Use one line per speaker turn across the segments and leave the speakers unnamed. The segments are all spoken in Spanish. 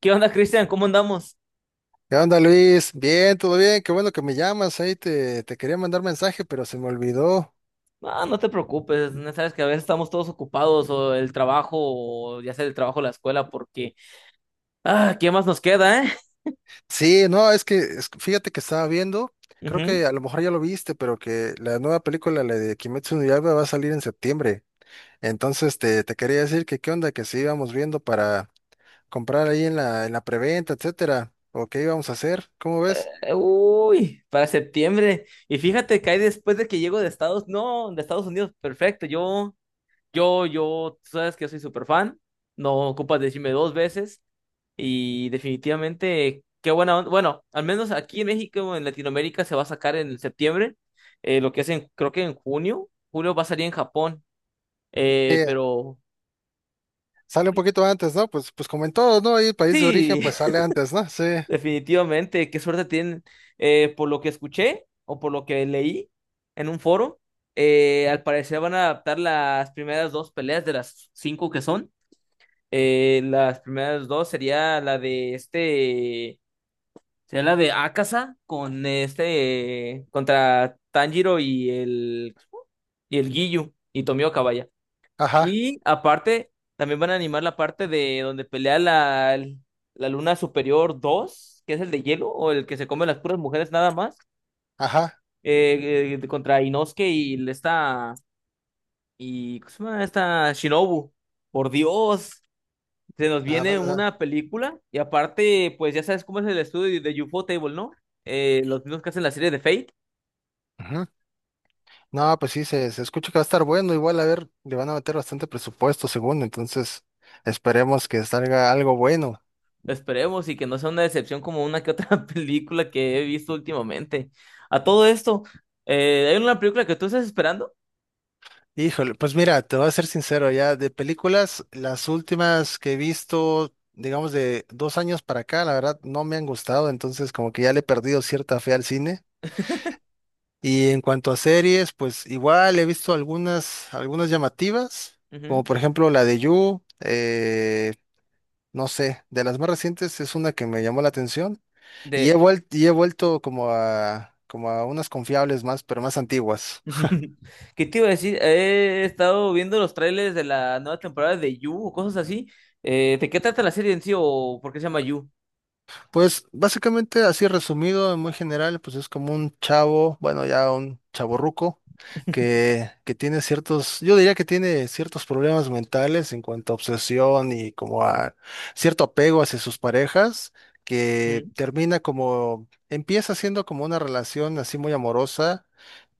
¿Qué onda, Cristian? ¿Cómo andamos?
¿Qué onda, Luis? Bien, todo bien, qué bueno que me llamas. Ahí te quería mandar mensaje, pero se me olvidó.
Ah, no te preocupes, no sabes que a veces estamos todos ocupados o el trabajo, o ya sea el trabajo o la escuela, porque, ah, ¿qué más nos queda, eh?
Sí, no, fíjate que estaba viendo, creo
Ujú.
que a lo mejor ya lo viste, pero que la nueva película, la de Kimetsu no Yaiba, va a salir en septiembre. Entonces te quería decir que qué onda, que si íbamos viendo para comprar ahí en la preventa, etcétera, o qué íbamos a hacer, ¿cómo ves?
Uy, para septiembre. Y fíjate que hay después de que llego de Estados, no, de Estados Unidos, perfecto. Yo, tú sabes que yo soy súper fan, no ocupas decirme dos veces. Y definitivamente, qué buena onda. Bueno, al menos aquí en México, en Latinoamérica, se va a sacar en septiembre. Lo que hacen, creo que en junio. Julio va a salir en Japón.
Sí,
Pero
sale un
ay,
poquito antes, ¿no? Pues como en todo, ¿no? Ahí país de origen,
sí,
pues sale antes, ¿no? Sí,
definitivamente, qué suerte tienen. Por lo que escuché o por lo que leí en un foro, al parecer van a adaptar las primeras dos peleas de las cinco que son. Las primeras dos sería la de este. Sería la de Akasa con este contra Tanjiro y el Giyu y Tomioka, vaya.
ajá,
Y aparte también van a animar la parte de donde pelea la Luna Superior 2 que es el de hielo o el que se come las puras mujeres nada más,
ajá.
contra Inosuke y esta y ¿cómo se llama? Esta Shinobu. Por Dios, se nos viene
Nada,
una película y aparte, pues ya sabes cómo es el estudio de UFO Table, ¿no? Los mismos que hacen la serie de Fate.
nada. No, pues sí, se escucha que va a estar bueno. Igual, a ver, le van a meter bastante presupuesto, según. Entonces, esperemos que salga algo bueno.
Esperemos y que no sea una decepción como una que otra película que he visto últimamente. A todo esto, hay una película que tú estás esperando.
Híjole, pues mira, te voy a ser sincero, ya de películas, las últimas que he visto, digamos, de dos años para acá, la verdad, no me han gustado. Entonces, como que ya le he perdido cierta fe al cine. Y en cuanto a series, pues igual he visto algunas, algunas llamativas,
Ujú.
como por ejemplo la de You, no sé, de las más recientes es una que me llamó la atención. Y he
De...
vuelto, y he vuelto como a, como a unas confiables más, pero más antiguas.
¿Qué te iba a decir? He estado viendo los trailers de la nueva temporada de You o cosas así. ¿De qué trata la serie en sí o por qué se llama You?
Pues básicamente, así resumido, en muy general, pues es como un chavo, bueno, ya un chavorruco, que tiene ciertos, yo diría que tiene ciertos problemas mentales en cuanto a obsesión y como a cierto apego hacia sus parejas, que
Ujú,
termina como, empieza siendo como una relación así muy amorosa,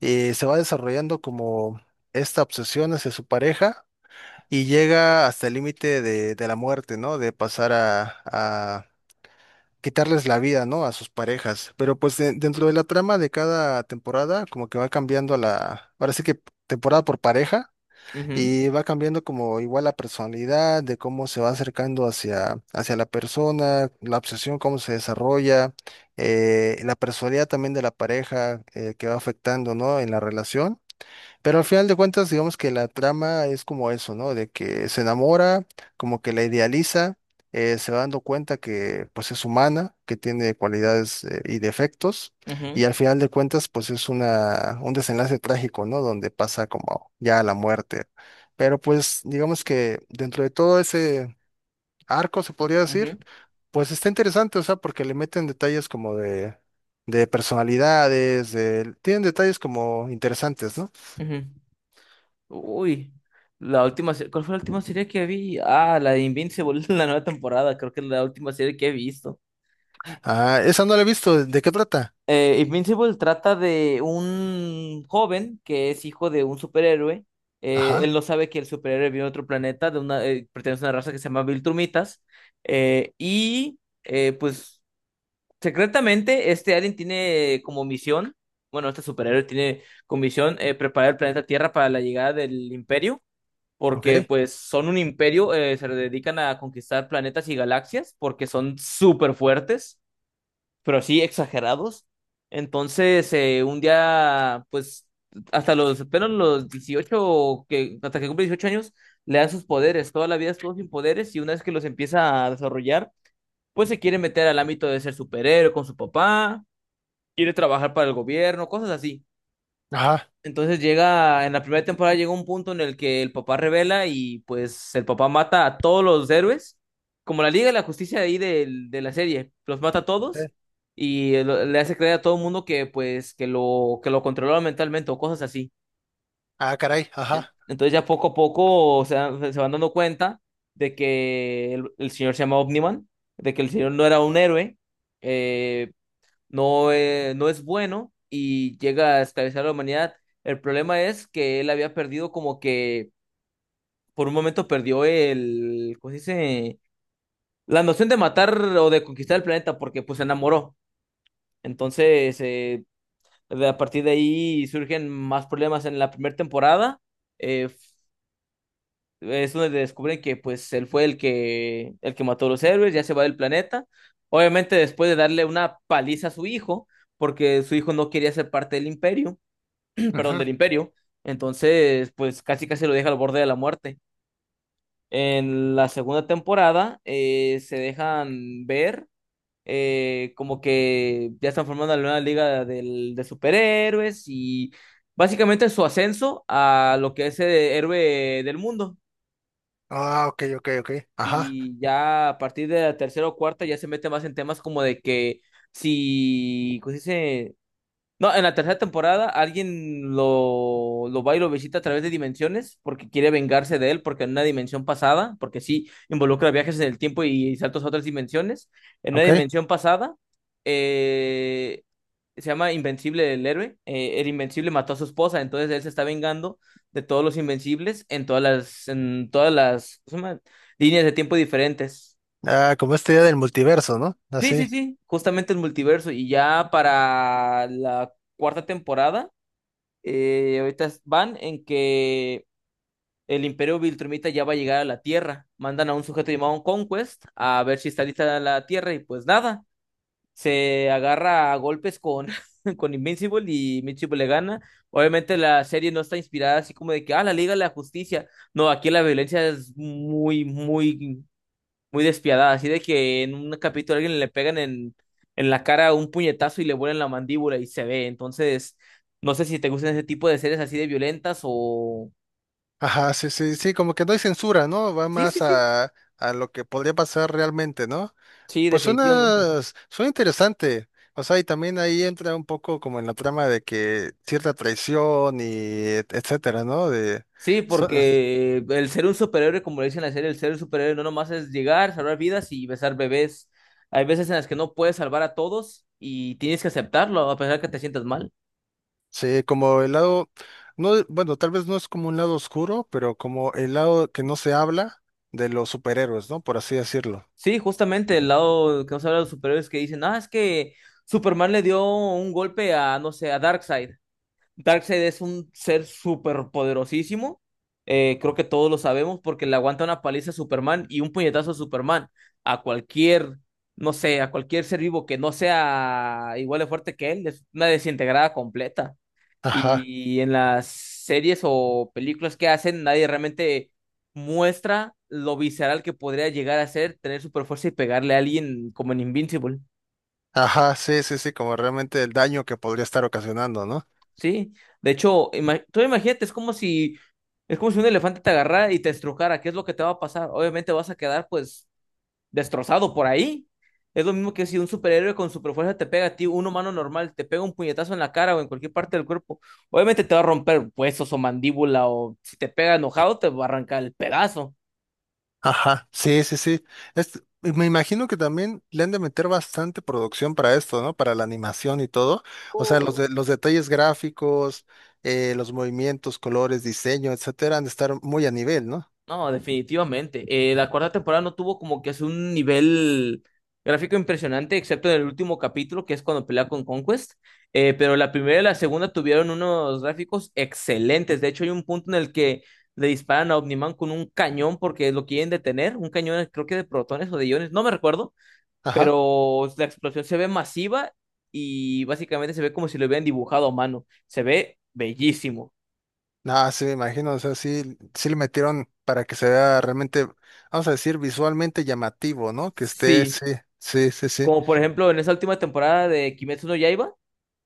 y se va desarrollando como esta obsesión hacia su pareja. Y llega hasta el límite de la muerte, ¿no? De pasar a quitarles la vida, ¿no? A sus parejas. Pero pues dentro de la trama de cada temporada, como que va cambiando la, ahora sí que temporada por pareja,
ujú,
y va cambiando como igual la personalidad, de cómo se va acercando hacia, hacia la persona, la obsesión, cómo se desarrolla, la personalidad también de la pareja, que va afectando, ¿no? En la relación. Pero al final de cuentas, digamos que la trama es como eso, ¿no? De que se enamora, como que la idealiza, se va dando cuenta que pues es humana, que tiene cualidades y defectos,
ujú,
y al final de cuentas pues es una, un desenlace trágico, ¿no? Donde pasa como ya a la muerte. Pero pues digamos que dentro de todo ese arco, se podría decir,
ujú,
pues está interesante, o sea, porque le meten detalles como de personalidades, tienen detalles como interesantes, ¿no?
ujú. Uy, la última, ¿cuál fue la última serie que vi? Ah, la de Invincible, la nueva temporada, creo que es la última serie que he visto.
Ah, esa no la he visto. ¿De qué trata?
Invincible trata de un joven que es hijo de un superhéroe.
Ajá,
Él no sabe que el superhéroe viene de otro planeta, pertenece a una raza que se llama Viltrumitas. Y pues secretamente este alien tiene como misión, bueno, este superhéroe tiene como misión preparar el planeta Tierra para la llegada del Imperio.
ok.
Porque pues son un imperio, se dedican a conquistar planetas y galaxias porque son súper fuertes, pero así exagerados. Entonces, un día, pues, apenas los 18 que, hasta que cumple 18 años, le dan sus poderes. Toda la vida estuvo sin poderes y una vez que los empieza a desarrollar, pues se quiere meter al ámbito de ser superhéroe con su papá, quiere trabajar para el gobierno, cosas así.
Ajá.
Entonces llega, en la primera temporada llega un punto en el que el papá revela y pues el papá mata a todos los héroes, como la Liga de la Justicia de ahí de, la serie, los mata a todos
eh,
y le hace creer a todo el mundo que pues que lo controlaba mentalmente o cosas así.
Ah, caray, ajá.
Entonces ya poco a poco se van dando cuenta de que el señor se llama Omniman, de que el señor no era un héroe, eh, no, no es bueno y llega a esclavizar a la humanidad. El problema es que él había perdido como que por un momento perdió el, ¿cómo se dice? La noción de matar o de conquistar el planeta porque pues se enamoró. Entonces, a partir de ahí surgen más problemas en la primera temporada. Eh, es donde descubren que pues él fue el que mató a los héroes, ya se va del planeta. Obviamente después de darle una paliza a su hijo, porque su hijo no quería ser parte del imperio. Perdón,
Ujú.
del imperio. Entonces, pues casi casi lo deja al borde de la muerte. En la segunda temporada se dejan ver como que ya están formando la nueva liga de superhéroes y básicamente su ascenso a lo que es el héroe del mundo.
Ah, ok, ok, ok. Ajá,
Y ya a partir de la tercera o cuarta ya se mete más en temas como de que si, ¿cómo se dice? No, en la tercera temporada alguien lo va y lo visita a través de dimensiones porque quiere vengarse de él, porque en una dimensión pasada, porque sí involucra viajes en el tiempo y saltos a otras dimensiones, en una
ok.
dimensión pasada eh, se llama Invencible el héroe, el Invencible mató a su esposa, entonces él se está vengando de todos los Invencibles en todas las, ¿cómo se llama? Líneas de tiempo diferentes.
Ah, como esta idea del multiverso, ¿no?
Sí, sí,
Así.
sí, justamente el multiverso y ya para la cuarta temporada. Ahorita van en que el Imperio Viltrumita ya va a llegar a la Tierra. Mandan a un sujeto llamado Conquest a ver si está lista la Tierra y pues nada, se agarra a golpes con, con Invincible y Invincible le gana. Obviamente la serie no está inspirada así como de que, ah, la Liga de la Justicia. No, aquí la violencia es muy, muy muy despiadada, así de que en un capítulo a alguien le pegan en la cara un puñetazo y le vuelan la mandíbula y se ve. Entonces, no sé si te gustan ese tipo de series así de violentas o...
Ajá, sí, sí, sí, como que no hay censura, ¿no? Va
Sí, sí,
más
sí,
a lo que podría pasar realmente, ¿no?
sí,
Pues
definitivamente.
suena, suena interesante. O sea, y también ahí entra un poco como en la trama de que cierta traición y etcétera, ¿no? De,
Sí,
so,
porque el ser un superhéroe, como le dicen en la serie, el ser un superhéroe no nomás es llegar, salvar vidas y besar bebés. Hay veces en las que no puedes salvar a todos y tienes que aceptarlo a pesar que te sientas mal.
sí, como el lado, no, bueno, tal vez no es como un lado oscuro, pero como el lado que no se habla de los superhéroes, ¿no? Por así decirlo.
Sí, justamente el lado que nos habla de los superhéroes que dicen, ah, es que Superman le dio un golpe a, no sé, a Darkseid. Darkseid es un ser súper poderosísimo. Creo que todos lo sabemos porque le aguanta una paliza a Superman y un puñetazo a Superman. A cualquier, no sé, a cualquier ser vivo que no sea igual de fuerte que él, es una desintegrada completa.
Ajá,
Y en las series o películas que hacen, nadie realmente muestra lo visceral que podría llegar a ser tener super fuerza y pegarle a alguien como en Invincible.
ajá, sí, sí, sí, como realmente el daño que podría estar ocasionando, ¿no?
Sí. De hecho, tú imagínate, es como si un elefante te agarrara y te estrujara. ¿Qué es lo que te va a pasar? Obviamente vas a quedar, pues, destrozado por ahí. Es lo mismo que si un superhéroe con superfuerza te pega a ti, un humano normal, te pega un puñetazo en la cara o en cualquier parte del cuerpo. Obviamente te va a romper huesos o mandíbula o si te pega enojado te va a arrancar el pedazo.
Ajá, sí, sí, sí. Es- me imagino que también le han de meter bastante producción para esto, ¿no? Para la animación y todo. O sea, los, los detalles gráficos, los movimientos, colores, diseño, etcétera, han de estar muy a nivel, ¿no?
No, definitivamente. La cuarta temporada no tuvo como que es un nivel gráfico impresionante, excepto en el último capítulo, que es cuando pelea con Conquest. Pero la primera y la segunda tuvieron unos gráficos excelentes. De hecho, hay un punto en el que le disparan a Omniman con un cañón porque lo quieren detener. Un cañón, creo que de protones o de iones, no me recuerdo.
Ajá.
Pero la explosión se ve masiva y básicamente se ve como si lo hubieran dibujado a mano. Se ve bellísimo.
Ah, sí, me imagino, o sea, sí, sí le metieron para que se vea realmente, vamos a decir, visualmente llamativo, ¿no? Que esté,
Sí.
sí, sí, sí, sí.
Como por ejemplo en esa última temporada de Kimetsu no Yaiba,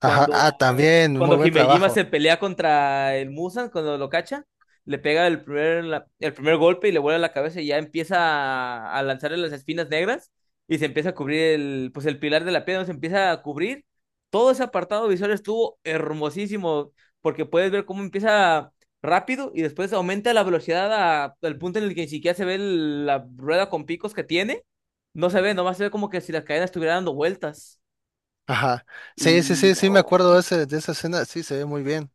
Ajá,
Cuando,
ah, también, muy
cuando
buen
Himejima
trabajo.
se pelea contra el Musan, cuando lo cacha, le pega el primer golpe y le vuela la cabeza y ya empieza a lanzarle las espinas negras y se empieza a cubrir pues el pilar de la piedra, se empieza a cubrir. Todo ese apartado visual estuvo hermosísimo porque puedes ver cómo empieza rápido y después aumenta la velocidad al punto en el que ni siquiera se ve la rueda con picos que tiene. No se ve, nomás se ve como que si la cadena estuviera dando vueltas.
Ajá, sí, sí,
Y
sí, sí, me acuerdo de,
no.
ese, de esa escena, sí, se ve muy bien.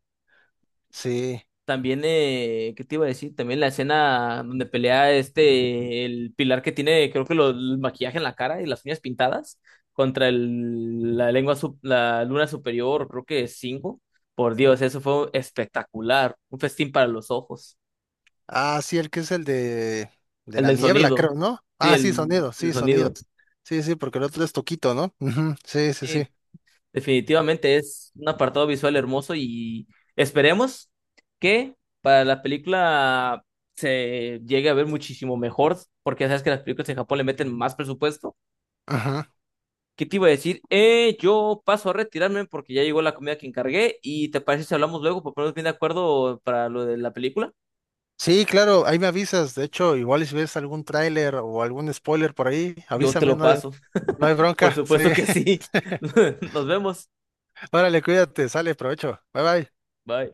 Sí,
También, ¿qué te iba a decir? También la escena donde pelea este, el pilar que tiene, creo que el maquillaje en la cara y las uñas pintadas, contra el, la lengua, la luna superior, creo que es cinco. Por Dios, eso fue espectacular. Un festín para los ojos.
ah, sí, el que es el de
El
la
del
niebla,
sonido.
creo, ¿no?
Sí,
Ah,
el,
sí, sonido,
el
sí, sonido.
sonido.
Sí, sí, porque el otro es Toquito, ¿no? Ujú. Sí, sí, sí.
Definitivamente es un apartado visual hermoso y esperemos que para la película se llegue a ver muchísimo mejor, porque ya sabes que las películas en Japón le meten más presupuesto.
Ajá.
¿Qué te iba a decir? Yo paso a retirarme porque ya llegó la comida que encargué y te parece si hablamos luego para ponernos bien de acuerdo para lo de la película.
Sí, claro, ahí me avisas. De hecho, igual si ves algún tráiler o algún spoiler por ahí,
Yo te
avísame,
lo
no.
paso.
No hay
Por
bronca, sí.
supuesto que sí. Nos vemos.
Órale, cuídate, sale, provecho. Bye bye.
Bye.